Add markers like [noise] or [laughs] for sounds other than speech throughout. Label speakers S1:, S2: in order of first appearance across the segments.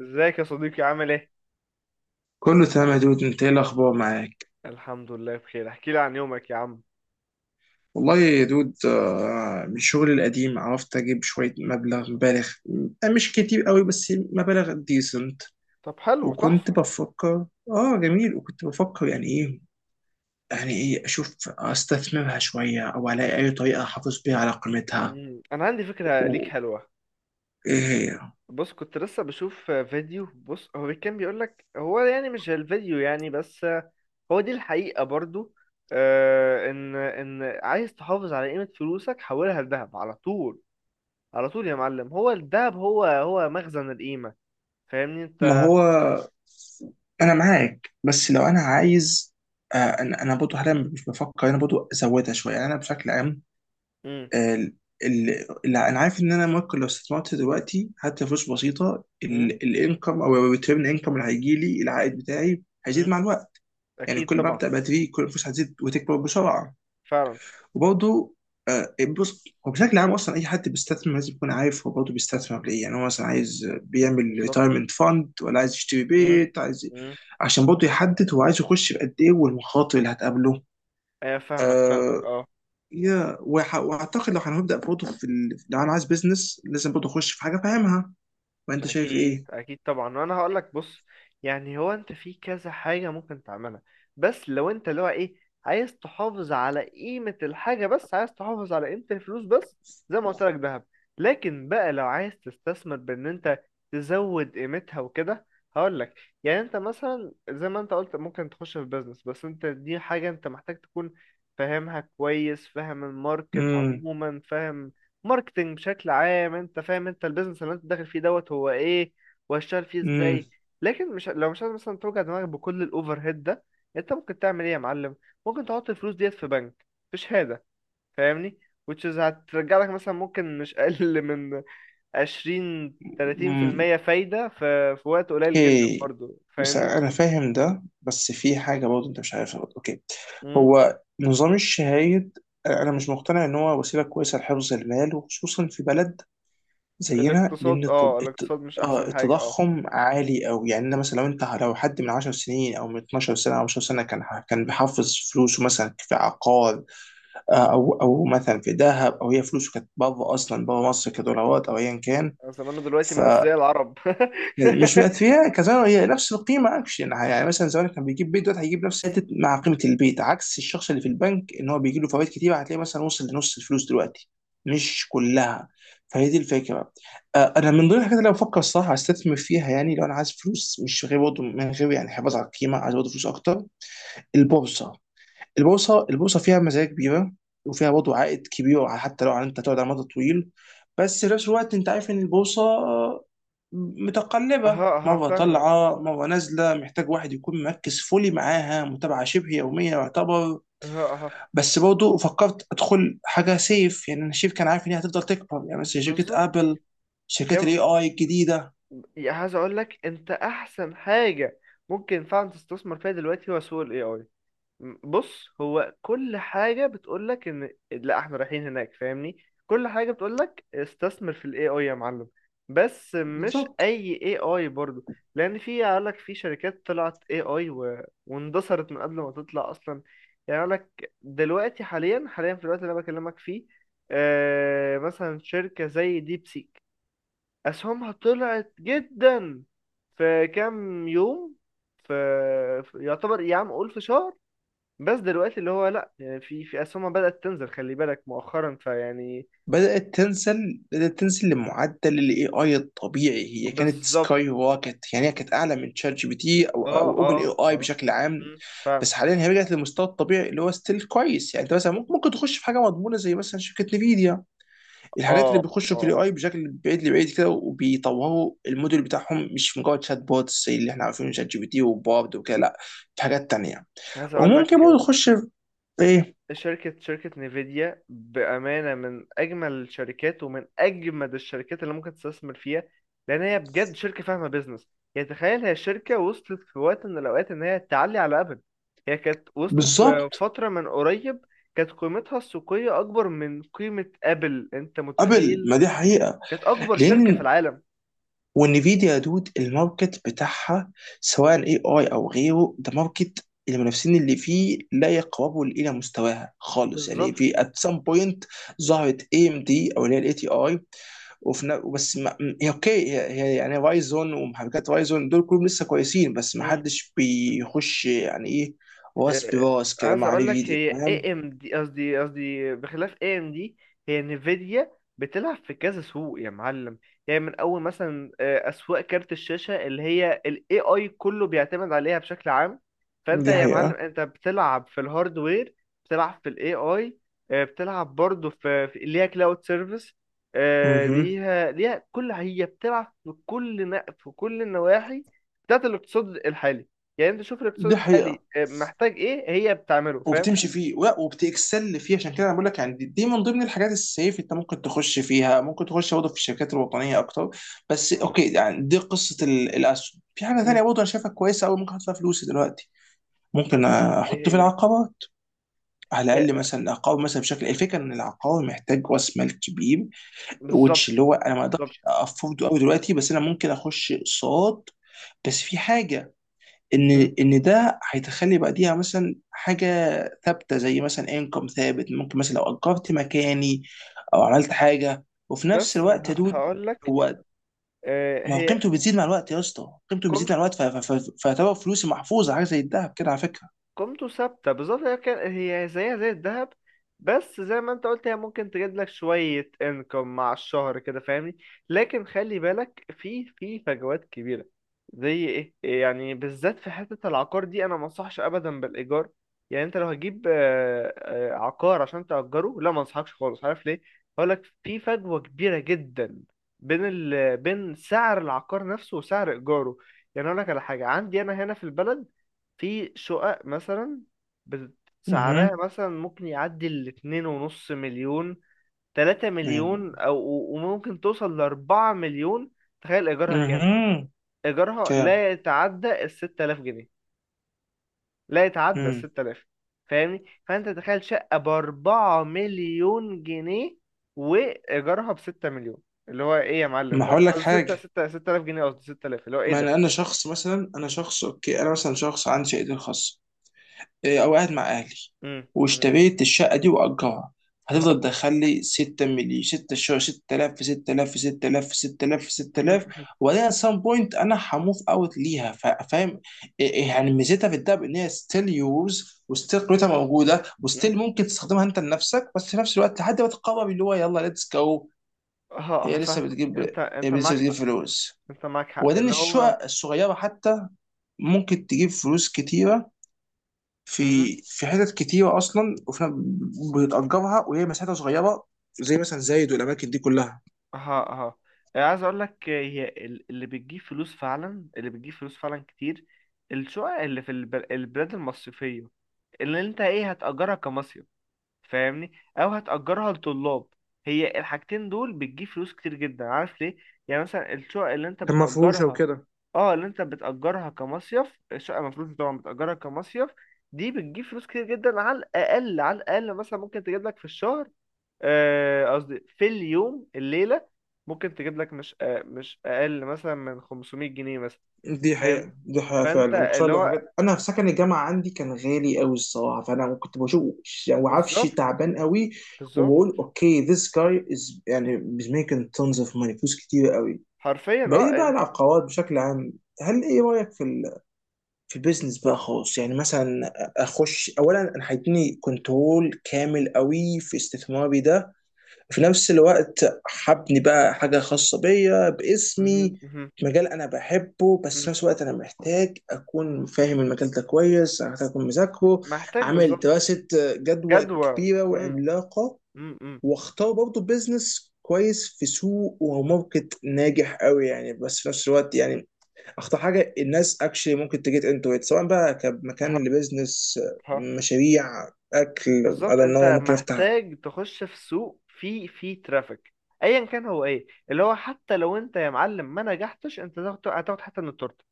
S1: ازيك يا صديقي عامل ايه؟
S2: كله تمام يا دود، انت ايه الاخبار معاك؟
S1: الحمد لله بخير. احكي لي عن يومك يا عم.
S2: والله يا دود، من شغلي القديم عرفت اجيب شويه مبالغ. مش كتير قوي بس مبالغ ديسنت.
S1: طب حلو
S2: وكنت
S1: تحفة.
S2: بفكر اه جميل. وكنت بفكر يعني ايه اشوف استثمرها شويه او الاقي اي طريقه احافظ بيها على قيمتها.
S1: مم. انا عندي فكرة ليك
S2: و-
S1: حلوة.
S2: ايه هي؟
S1: بص كنت لسه بشوف فيديو. بص هو كان بيقول لك هو يعني مش الفيديو يعني بس. هو دي الحقيقة برضو. ان عايز تحافظ على قيمة فلوسك حولها لذهب على طول. على طول يا معلم، هو الذهب هو هو مخزن القيمة. فاهمني
S2: ما
S1: انت.
S2: هو انا معاك، بس لو انا عايز. انا برضه حاليا مش بفكر، انا برضه ازودها شويه يعني، انا بشكل عام.
S1: مم.
S2: ال- اللي انا عارف ان انا ممكن لو استثمرت دلوقتي حتى فلوس بسيطه،
S1: مم.
S2: الانكم او الريتيرن انكم اللي هيجي لي العائد بتاعي هيزيد
S1: مم.
S2: مع الوقت. يعني
S1: اكيد
S2: كل ما
S1: طبعا.
S2: ابدا بدري كل الفلوس هتزيد وتكبر بسرعه.
S1: فعلا.
S2: وبرضه، بص هو بشكل عام اصلا اي حد بيستثمر لازم يكون عارف هو برضه بيستثمر ليه. يعني هو مثلا عايز بيعمل
S1: بالظبط.
S2: ريتايرمنت فاند ولا عايز يشتري
S1: مم.
S2: بيت عايز،
S1: مم.
S2: عشان برضه يحدد هو عايز يخش بقد ايه والمخاطر اللي هتقابله.
S1: ايه، فاهمك فاهمك،
S2: آه،
S1: اه.
S2: واعتقد لو هنبدا برضه في ال... لو انا عايز بيزنس لازم برضه اخش في حاجه فاهمها. وانت شايف
S1: اكيد
S2: ايه؟
S1: اكيد طبعا، وانا هقول لك بص. يعني هو انت في كذا حاجه ممكن تعملها، بس لو انت اللي هو ايه، عايز تحافظ على قيمه الحاجه بس، عايز تحافظ على قيمه الفلوس بس، زي ما قلت لك ذهب. لكن بقى لو عايز تستثمر، بان انت تزود قيمتها وكده، هقول لك. يعني انت مثلا زي ما انت قلت ممكن تخش في بيزنس، بس انت دي حاجه انت محتاج تكون فاهمها كويس، فاهم الماركت
S2: امم.
S1: عموما، فاهم ماركتينج بشكل عام، انت فاهم انت البيزنس اللي انت داخل فيه دوت هو ايه، وهشتغل فيه
S2: امم.
S1: ازاي. لكن مش لو مش عايز مثلا توجع دماغك بكل الاوفر هيد ده، انت ممكن تعمل ايه يا معلم؟ ممكن تحط الفلوس ديت في بنك في شهادة، فاهمني، which is هترجع لك مثلا ممكن مش اقل من 20
S2: امم.
S1: 30% فايدة في وقت قليل جدا
S2: اوكي.
S1: برضو،
S2: بس
S1: فاهمني.
S2: انا فاهم ده، بس في حاجه برضه انت مش عارفها برضه. اوكي.
S1: مم.
S2: هو نظام الشهايد انا
S1: مم.
S2: مش مقتنع ان هو وسيله كويسه لحفظ المال، وخصوصا في بلد زينا، لان
S1: الاقتصاد، اه، الاقتصاد مش احسن حاجة، اه.
S2: التضخم عالي قوي. يعني أنا مثلا، لو انت لو حد من 10 سنين او من 12 سنه او 10 سنه كان
S1: مم.
S2: بيحافظ فلوسه مثلا في عقار، او مثلا في دهب، او هي فلوسه كانت بره اصلا، بره مصر كدولارات او ايا كان،
S1: زمانه دلوقتي من اثرياء العرب [laughs]
S2: فمش بقت فيها كزمان هي نفس القيمه اكشن. يعني مثلا زمان كان بيجيب بيت، دلوقتي هيجيب نفس حته مع قيمه البيت، عكس الشخص اللي في البنك ان هو بيجي له فوائد كتير، هتلاقيه مثلا وصل لنص الفلوس دلوقتي، مش كلها. فهي دي الفكره. انا من ضمن الحاجات اللي أنا بفكر الصراحه استثمر فيها، يعني لو انا عايز فلوس مش غير برضه من غير يعني حفاظ على القيمه، عايز برضه فلوس اكتر: البورصه. البورصه فيها مزايا كبيره، وفيها برضه عائد كبير حتى لو انت تقعد على مدى طويل. بس في نفس الوقت انت عارف ان البورصه متقلبه،
S1: اها اها،
S2: مره
S1: فاهمك.
S2: طالعه مره نازله، محتاج واحد يكون مركز فولي معاها، متابعه شبه يوميه يعتبر.
S1: ها ها.
S2: بس برضه فكرت ادخل حاجه سيف، يعني انا شايف كان عارف ان هي هتفضل تكبر، يعني مثلا شركه
S1: بالظبط.
S2: ابل، شركات
S1: يب...
S2: الاي اي الجديده.
S1: يا، عايز اقول لك انت احسن حاجه ممكن فعلا تستثمر فيها دلوقتي، هو سوق الاي اي. بص، هو كل حاجه بتقول لك ان لا احنا رايحين هناك، فاهمني. كل حاجه بتقول لك استثمر في الاي اي يا معلم. بس مش
S2: بالظبط.
S1: اي اي اي برضو. لان في، قال لك، في شركات طلعت اي اي واندثرت من قبل ما تطلع اصلا. يعني قال لك دلوقتي، حاليا حاليا في الوقت اللي انا بكلمك فيه، مثلا شركه زي ديب سيك، أسهمها طلعت جدا في كام يوم، في يعتبر يا عم قول في شهر. بس دلوقتي اللي هو لأ، يعني في أسهمها بدأت تنزل، خلي بالك مؤخرا، فيعني
S2: بدأت تنزل لمعدل الاي اي الطبيعي. هي كانت
S1: بالظبط.
S2: سكاي روكت، يعني هي كانت اعلى من شات جي بي تي او
S1: اه
S2: او اوبن اي
S1: اه
S2: اي
S1: اه.
S2: بشكل عام.
S1: مم،
S2: بس
S1: فعلا.
S2: حاليا هي رجعت للمستوى الطبيعي اللي هو ستيل كويس. يعني انت مثلا ممكن تخش في حاجه مضمونه زي مثلا شركه نفيديا، الحاجات اللي
S1: اه
S2: بيخشوا في الاي
S1: اه.
S2: اي بشكل بعيد لبعيد كده وبيطوروا الموديل بتاعهم مش مجرد شات بوتس زي اللي احنا عارفينه، شات جي بي تي وبارد وكده. لا، في حاجات تانيه.
S1: عايز اقول
S2: وممكن
S1: لك،
S2: برضه تخش في ايه.
S1: شركة نيفيديا بأمانة من أجمل الشركات، ومن أجمد الشركات اللي ممكن تستثمر فيها، لأن هي بجد شركة فاهمة بيزنس. يعني تخيل، هي شركة وصلت في وقت من الأوقات إن هي تعلي على أبل. هي كانت وصلت في
S2: بالظبط.
S1: فترة من قريب كانت قيمتها السوقية أكبر من قيمة أبل، أنت
S2: قبل
S1: متخيل؟
S2: ما دي حقيقة،
S1: كانت أكبر شركة في
S2: لأن
S1: العالم.
S2: والنفيديا يا دود، الماركت بتاعها سواء اي اي او غيره، ده ماركت المنافسين اللي فيه لا يقربوا الى مستواها خالص. يعني
S1: بالظبط.
S2: في ات سام بوينت ظهرت اي ام دي او اللي هي الاي تي اي. بس ما، هي اوكي، هي يعني رايزون ومحركات رايزون دول كلهم لسه كويسين، بس ما حدش بيخش يعني ايه راس
S1: آه،
S2: براس كده
S1: عايز
S2: مع
S1: اقول لك،
S2: نفيديا،
S1: هي
S2: فاهم؟
S1: اي ام دي، قصدي بخلاف اي ام دي، هي نفيديا بتلعب في كذا سوق يا معلم. يعني من اول مثلا اسواق كارت الشاشه اللي هي الاي اي كله بيعتمد عليها بشكل عام. فانت
S2: دي
S1: يا معلم،
S2: حقيقة.
S1: انت بتلعب في الهاردوير، بتلعب في الاي اي، بتلعب برضه في ليها كلاود سيرفيس.
S2: مهم.
S1: ليها كل، هي بتلعب في في كل النواحي بتاعت الاقتصاد الحالي. يعني انت شوف الاقتصاد
S2: دي
S1: الحالي
S2: حقيقة.
S1: محتاج ايه، هي بتعمله، فاهم.
S2: وبتمشي فيه ولا وبتكسل فيه. عشان كده انا بقول لك يعني دي من ضمن الحاجات السيف انت ممكن تخش فيها. ممكن تخش برضه في الشركات الوطنيه اكتر. بس اوكي، يعني دي قصه الاسهم. في حاجه
S1: مم.
S2: ثانيه برضه انا شايفها كويسه قوي ممكن احط فيها فلوسي دلوقتي، ممكن
S1: ايه
S2: احط في
S1: هي؟
S2: العقارات. على
S1: هي-
S2: الاقل مثلا العقار، مثلا بشكل الفكره ان العقار محتاج راس مال كبير وتش
S1: بالظبط.
S2: اللي هو انا ما اقدرش
S1: بالظبط.
S2: افورده قوي دلوقتي، بس انا ممكن اخش اقساط. بس في حاجه
S1: مم.
S2: ان ده هيتخلي بعديها مثلا حاجه ثابته، زي مثلا انكم ثابت، ممكن مثلا لو اجرت مكاني او عملت حاجه. وفي نفس
S1: بس
S2: الوقت يا دود،
S1: هقول لك،
S2: هو ما هو
S1: هي
S2: قيمته بتزيد مع الوقت يا اسطى، قيمته بتزيد مع الوقت، فيعتبر فلوسي محفوظه، حاجه زي الذهب كده على فكره.
S1: قيمته ثابتة بالظبط، هي كان هي زيها زي الذهب، بس زي ما انت قلت، هي ممكن تجيب لك شوية انكم مع الشهر كده، فاهمني. لكن خلي بالك في فجوات كبيرة. زي ايه يعني؟ بالذات في حتة العقار دي، انا ما انصحش ابدا بالايجار. يعني انت لو هتجيب عقار عشان تأجره، لا، ما انصحكش خالص، عارف ليه؟ هقول لك. في فجوة كبيرة جدا بين بين سعر العقار نفسه وسعر ايجاره. يعني اقول لك على حاجة عندي انا هنا في البلد، في شقق مثلا، بت-
S2: اها.
S1: سعرها مثلا ممكن يعدي 2.5 مليون، تلاتة
S2: يعني.
S1: مليون أو وممكن توصل لـ4 مليون. تخيل إيجارها كام؟
S2: اها.
S1: إيجارها
S2: كام.
S1: لا يتعدى الـ6000 جنيه. لا يتعدى
S2: مم.
S1: الستة آلاف. فاهمني؟ فأنت تخيل، شقة بـ4 مليون جنيه وإيجارها بـ6 مليون، اللي هو إيه يا معلم
S2: ما
S1: ده؟
S2: هقول لك
S1: قصدي ستة
S2: حاجه.
S1: ستة ستة آلاف جنيه، قصدي 6000، اللي هو إيه
S2: ما
S1: ده؟
S2: انا شخص مثلا، انا شخص اوكي، انا مثلا شخص عندي شهادتي الخاصه، إيه، او قاعد مع اهلي،
S1: مم، مم.
S2: واشتريت الشقه دي واجرها،
S1: أها.
S2: هتفضل تدخل لي 6 مليون، 6 شهور، 6000 في 6000 في 6000 في 6000 في 6000.
S1: [laughs]
S2: وبعدين سام بوينت انا هموف اوت ليها، فاهم؟ إيه يعني ميزتها في الدهب ان هي ستيل يوز وستيل قيمتها موجوده وستيل ممكن تستخدمها انت لنفسك، بس في نفس الوقت لحد ما تقرر اللي هو يلا ليتس جو.
S1: ها،
S2: هي لسه
S1: هفهمك.
S2: بتجيب
S1: انت
S2: هي
S1: انت
S2: لسه
S1: معاك
S2: بتجيب
S1: حق،
S2: فلوس.
S1: انت معاك حق
S2: وبعدين
S1: اللي هو.
S2: الشقق الصغيره حتى ممكن تجيب فلوس كتيره،
S1: امم
S2: في في حتت كتيره اصلا، وفي بتأجرها وهي مساحتها صغيره زي مثلا زايد والاماكن دي كلها.
S1: ها ها. عايز اقول لك، هي اللي بتجيب فلوس فعلا، اللي بتجيب فلوس فعلا كتير، الشقق اللي في البلاد المصيفية، اللي انت ايه، هتأجرها كمصيف، فاهمني، او هتأجرها لطلاب. هي الحاجتين دول بتجيب فلوس كتير جدا، عارف ليه؟ يعني مثلا الشقق اللي انت
S2: كان مفروشة
S1: بتأجرها،
S2: وكده.
S1: اه، اللي انت بتأجرها كمصيف، الشقة مفروض طبعا بتأجرها كمصيف، دي بتجيب فلوس كتير جدا. على الأقل على الأقل مثلا ممكن تجيب لك في الشهر، قصدي في اليوم الليلة، ممكن تجيب لك مش، مش أقل مثلا من 500 جنيه مثلا، فاهم؟
S2: دي حقيقة
S1: فانت
S2: فعلا، وخصوصا
S1: اللي
S2: لو
S1: هو
S2: حاجات. أنا في سكن الجامعة عندي كان غالي أوي الصراحة، فأنا كنت بشوف يعني عفش
S1: بالظبط،
S2: تعبان أوي.
S1: بالظبط.
S2: وبقول أوكي this guy is يعني is making tons of money، فلوس كتير أوي.
S1: حرفيا،
S2: بعيد
S1: اه.
S2: بقى عن
S1: انت
S2: العقارات بشكل عام، هل إيه رأيك في في البيزنس بقى خالص؟ يعني مثلا اخش اولا انا هيديني كنترول كامل قوي في استثماري ده. في نفس الوقت هبني بقى حاجه خاصه بيا باسمي،
S1: مهم، مهم،
S2: مجال انا بحبه. بس في
S1: مهم.
S2: نفس الوقت انا محتاج اكون فاهم المجال ده كويس، محتاج اكون مذاكره،
S1: محتاج
S2: اعمل
S1: بالظبط.
S2: دراسه جدوى
S1: جدوى.
S2: كبيره
S1: امم
S2: وعملاقه،
S1: امم
S2: واختار برضه بيزنس كويس في سوق وماركت ناجح قوي يعني. بس في نفس الوقت يعني اخطر حاجه الناس اكشلي ممكن تجيت انتو ات، سواء بقى
S1: ها
S2: كمكان لبزنس،
S1: ها.
S2: مشاريع، اكل،
S1: بالظبط،
S2: انا ان
S1: انت
S2: هو ممكن افتح.
S1: محتاج تخش في سوق فيه ترافيك، ايا كان هو ايه اللي هو. حتى لو انت يا معلم ما نجحتش، انت هتاخد حتى من التورته،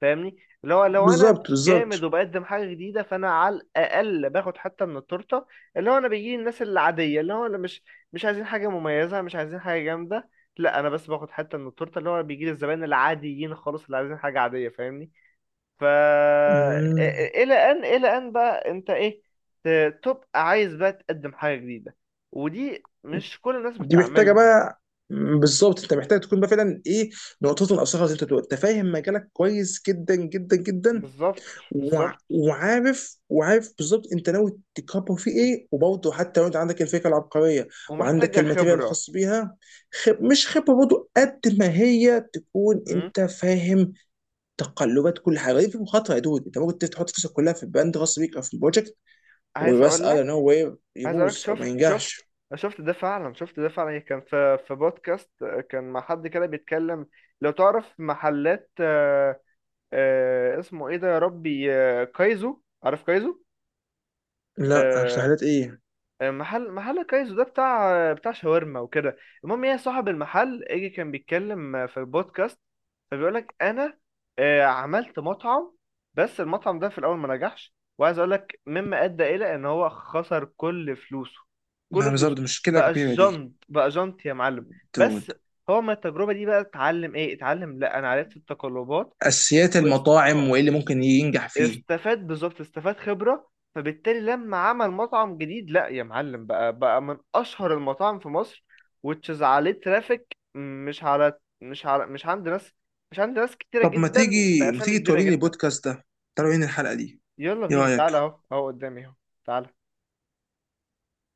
S1: فاهمني. اللي هو لو انا
S2: بالظبط.
S1: مش
S2: بالظبط.
S1: جامد وبقدم حاجه جديده، فانا على الاقل باخد حتى من التورته، اللي هو انا بيجي الناس العاديه اللي هو اللي مش، مش عايزين حاجه مميزه، مش عايزين حاجه جامده. لا، انا بس باخد حتى من التورته، اللي هو بيجي لي الزبائن العاديين خالص اللي عايزين حاجه عاديه، فاهمني، فا
S2: مم.
S1: الى ان، الى ان بقى انت ايه، تبقى عايز بقى تقدم حاجه جديده، ودي مش كل الناس
S2: دي محتاجه
S1: بتعملها.
S2: بقى، بالظبط انت محتاج تكون بقى فعلا ايه نقطته الاصغر، زي ما انت بتقول انت فاهم مجالك كويس جدا جدا جدا،
S1: بالظبط، بالظبط،
S2: وعارف بالظبط انت ناوي تكبر فيه ايه. وبرضه حتى لو انت عندك الفكره العبقريه وعندك
S1: ومحتاجه
S2: الماتيريال
S1: خبره.
S2: الخاص بيها، خب مش خبره برضه قد ما هي تكون.
S1: امم
S2: انت فاهم تقلبات كل حاجه دي؟ في مخاطره يا دود، انت ممكن تحط فلوسك كلها في البراند غصب بيك او في البروجكت،
S1: عايز
S2: وبس
S1: اقول
S2: انا
S1: لك،
S2: نو واي يبوظ او ما
S1: شفت، شفت
S2: ينجحش.
S1: شفت ده فعلا. كان في بودكاست كان مع حد كده بيتكلم، لو تعرف محلات اسمه ايه ده يا ربي، كايزو، عارف كايزو؟
S2: لا
S1: آه،
S2: تحليلات ايه.
S1: محل كايزو ده بتاع شاورما وكده. المهم، هي صاحب المحل اجي كان بيتكلم في البودكاست، فبيقول لك: انا عملت مطعم، بس المطعم ده في الاول ما نجحش، وعايز اقول لك، مما ادى الى ان هو خسر كل فلوسه،
S2: لا
S1: كل فلوسه،
S2: بالظبط مشكله
S1: بقى
S2: كبيره دي
S1: جنط، بقى جنط يا معلم. بس
S2: دود،
S1: هو من التجربة دي بقى، اتعلم ايه؟ اتعلم، لا انا عرفت التقلبات
S2: اساسيات
S1: و...
S2: المطاعم وايه اللي ممكن ينجح فيه.
S1: استفاد. بالظبط، استفاد خبرة، فبالتالي لما عمل مطعم جديد، لا يا معلم، بقى من أشهر المطاعم في مصر، وتشز عليه ترافيك، مش على، مش عند ناس، مش عند ناس كتيرة
S2: طب ما
S1: جدا
S2: تيجي ما
S1: بأسامي
S2: تيجي
S1: كبيرة
S2: توريني
S1: جدا.
S2: البودكاست ده، تعالوا هنا الحلقه دي،
S1: يلا
S2: ايه
S1: بينا، تعالى،
S2: رايك؟
S1: أهو أهو قدامي، أهو، تعالى.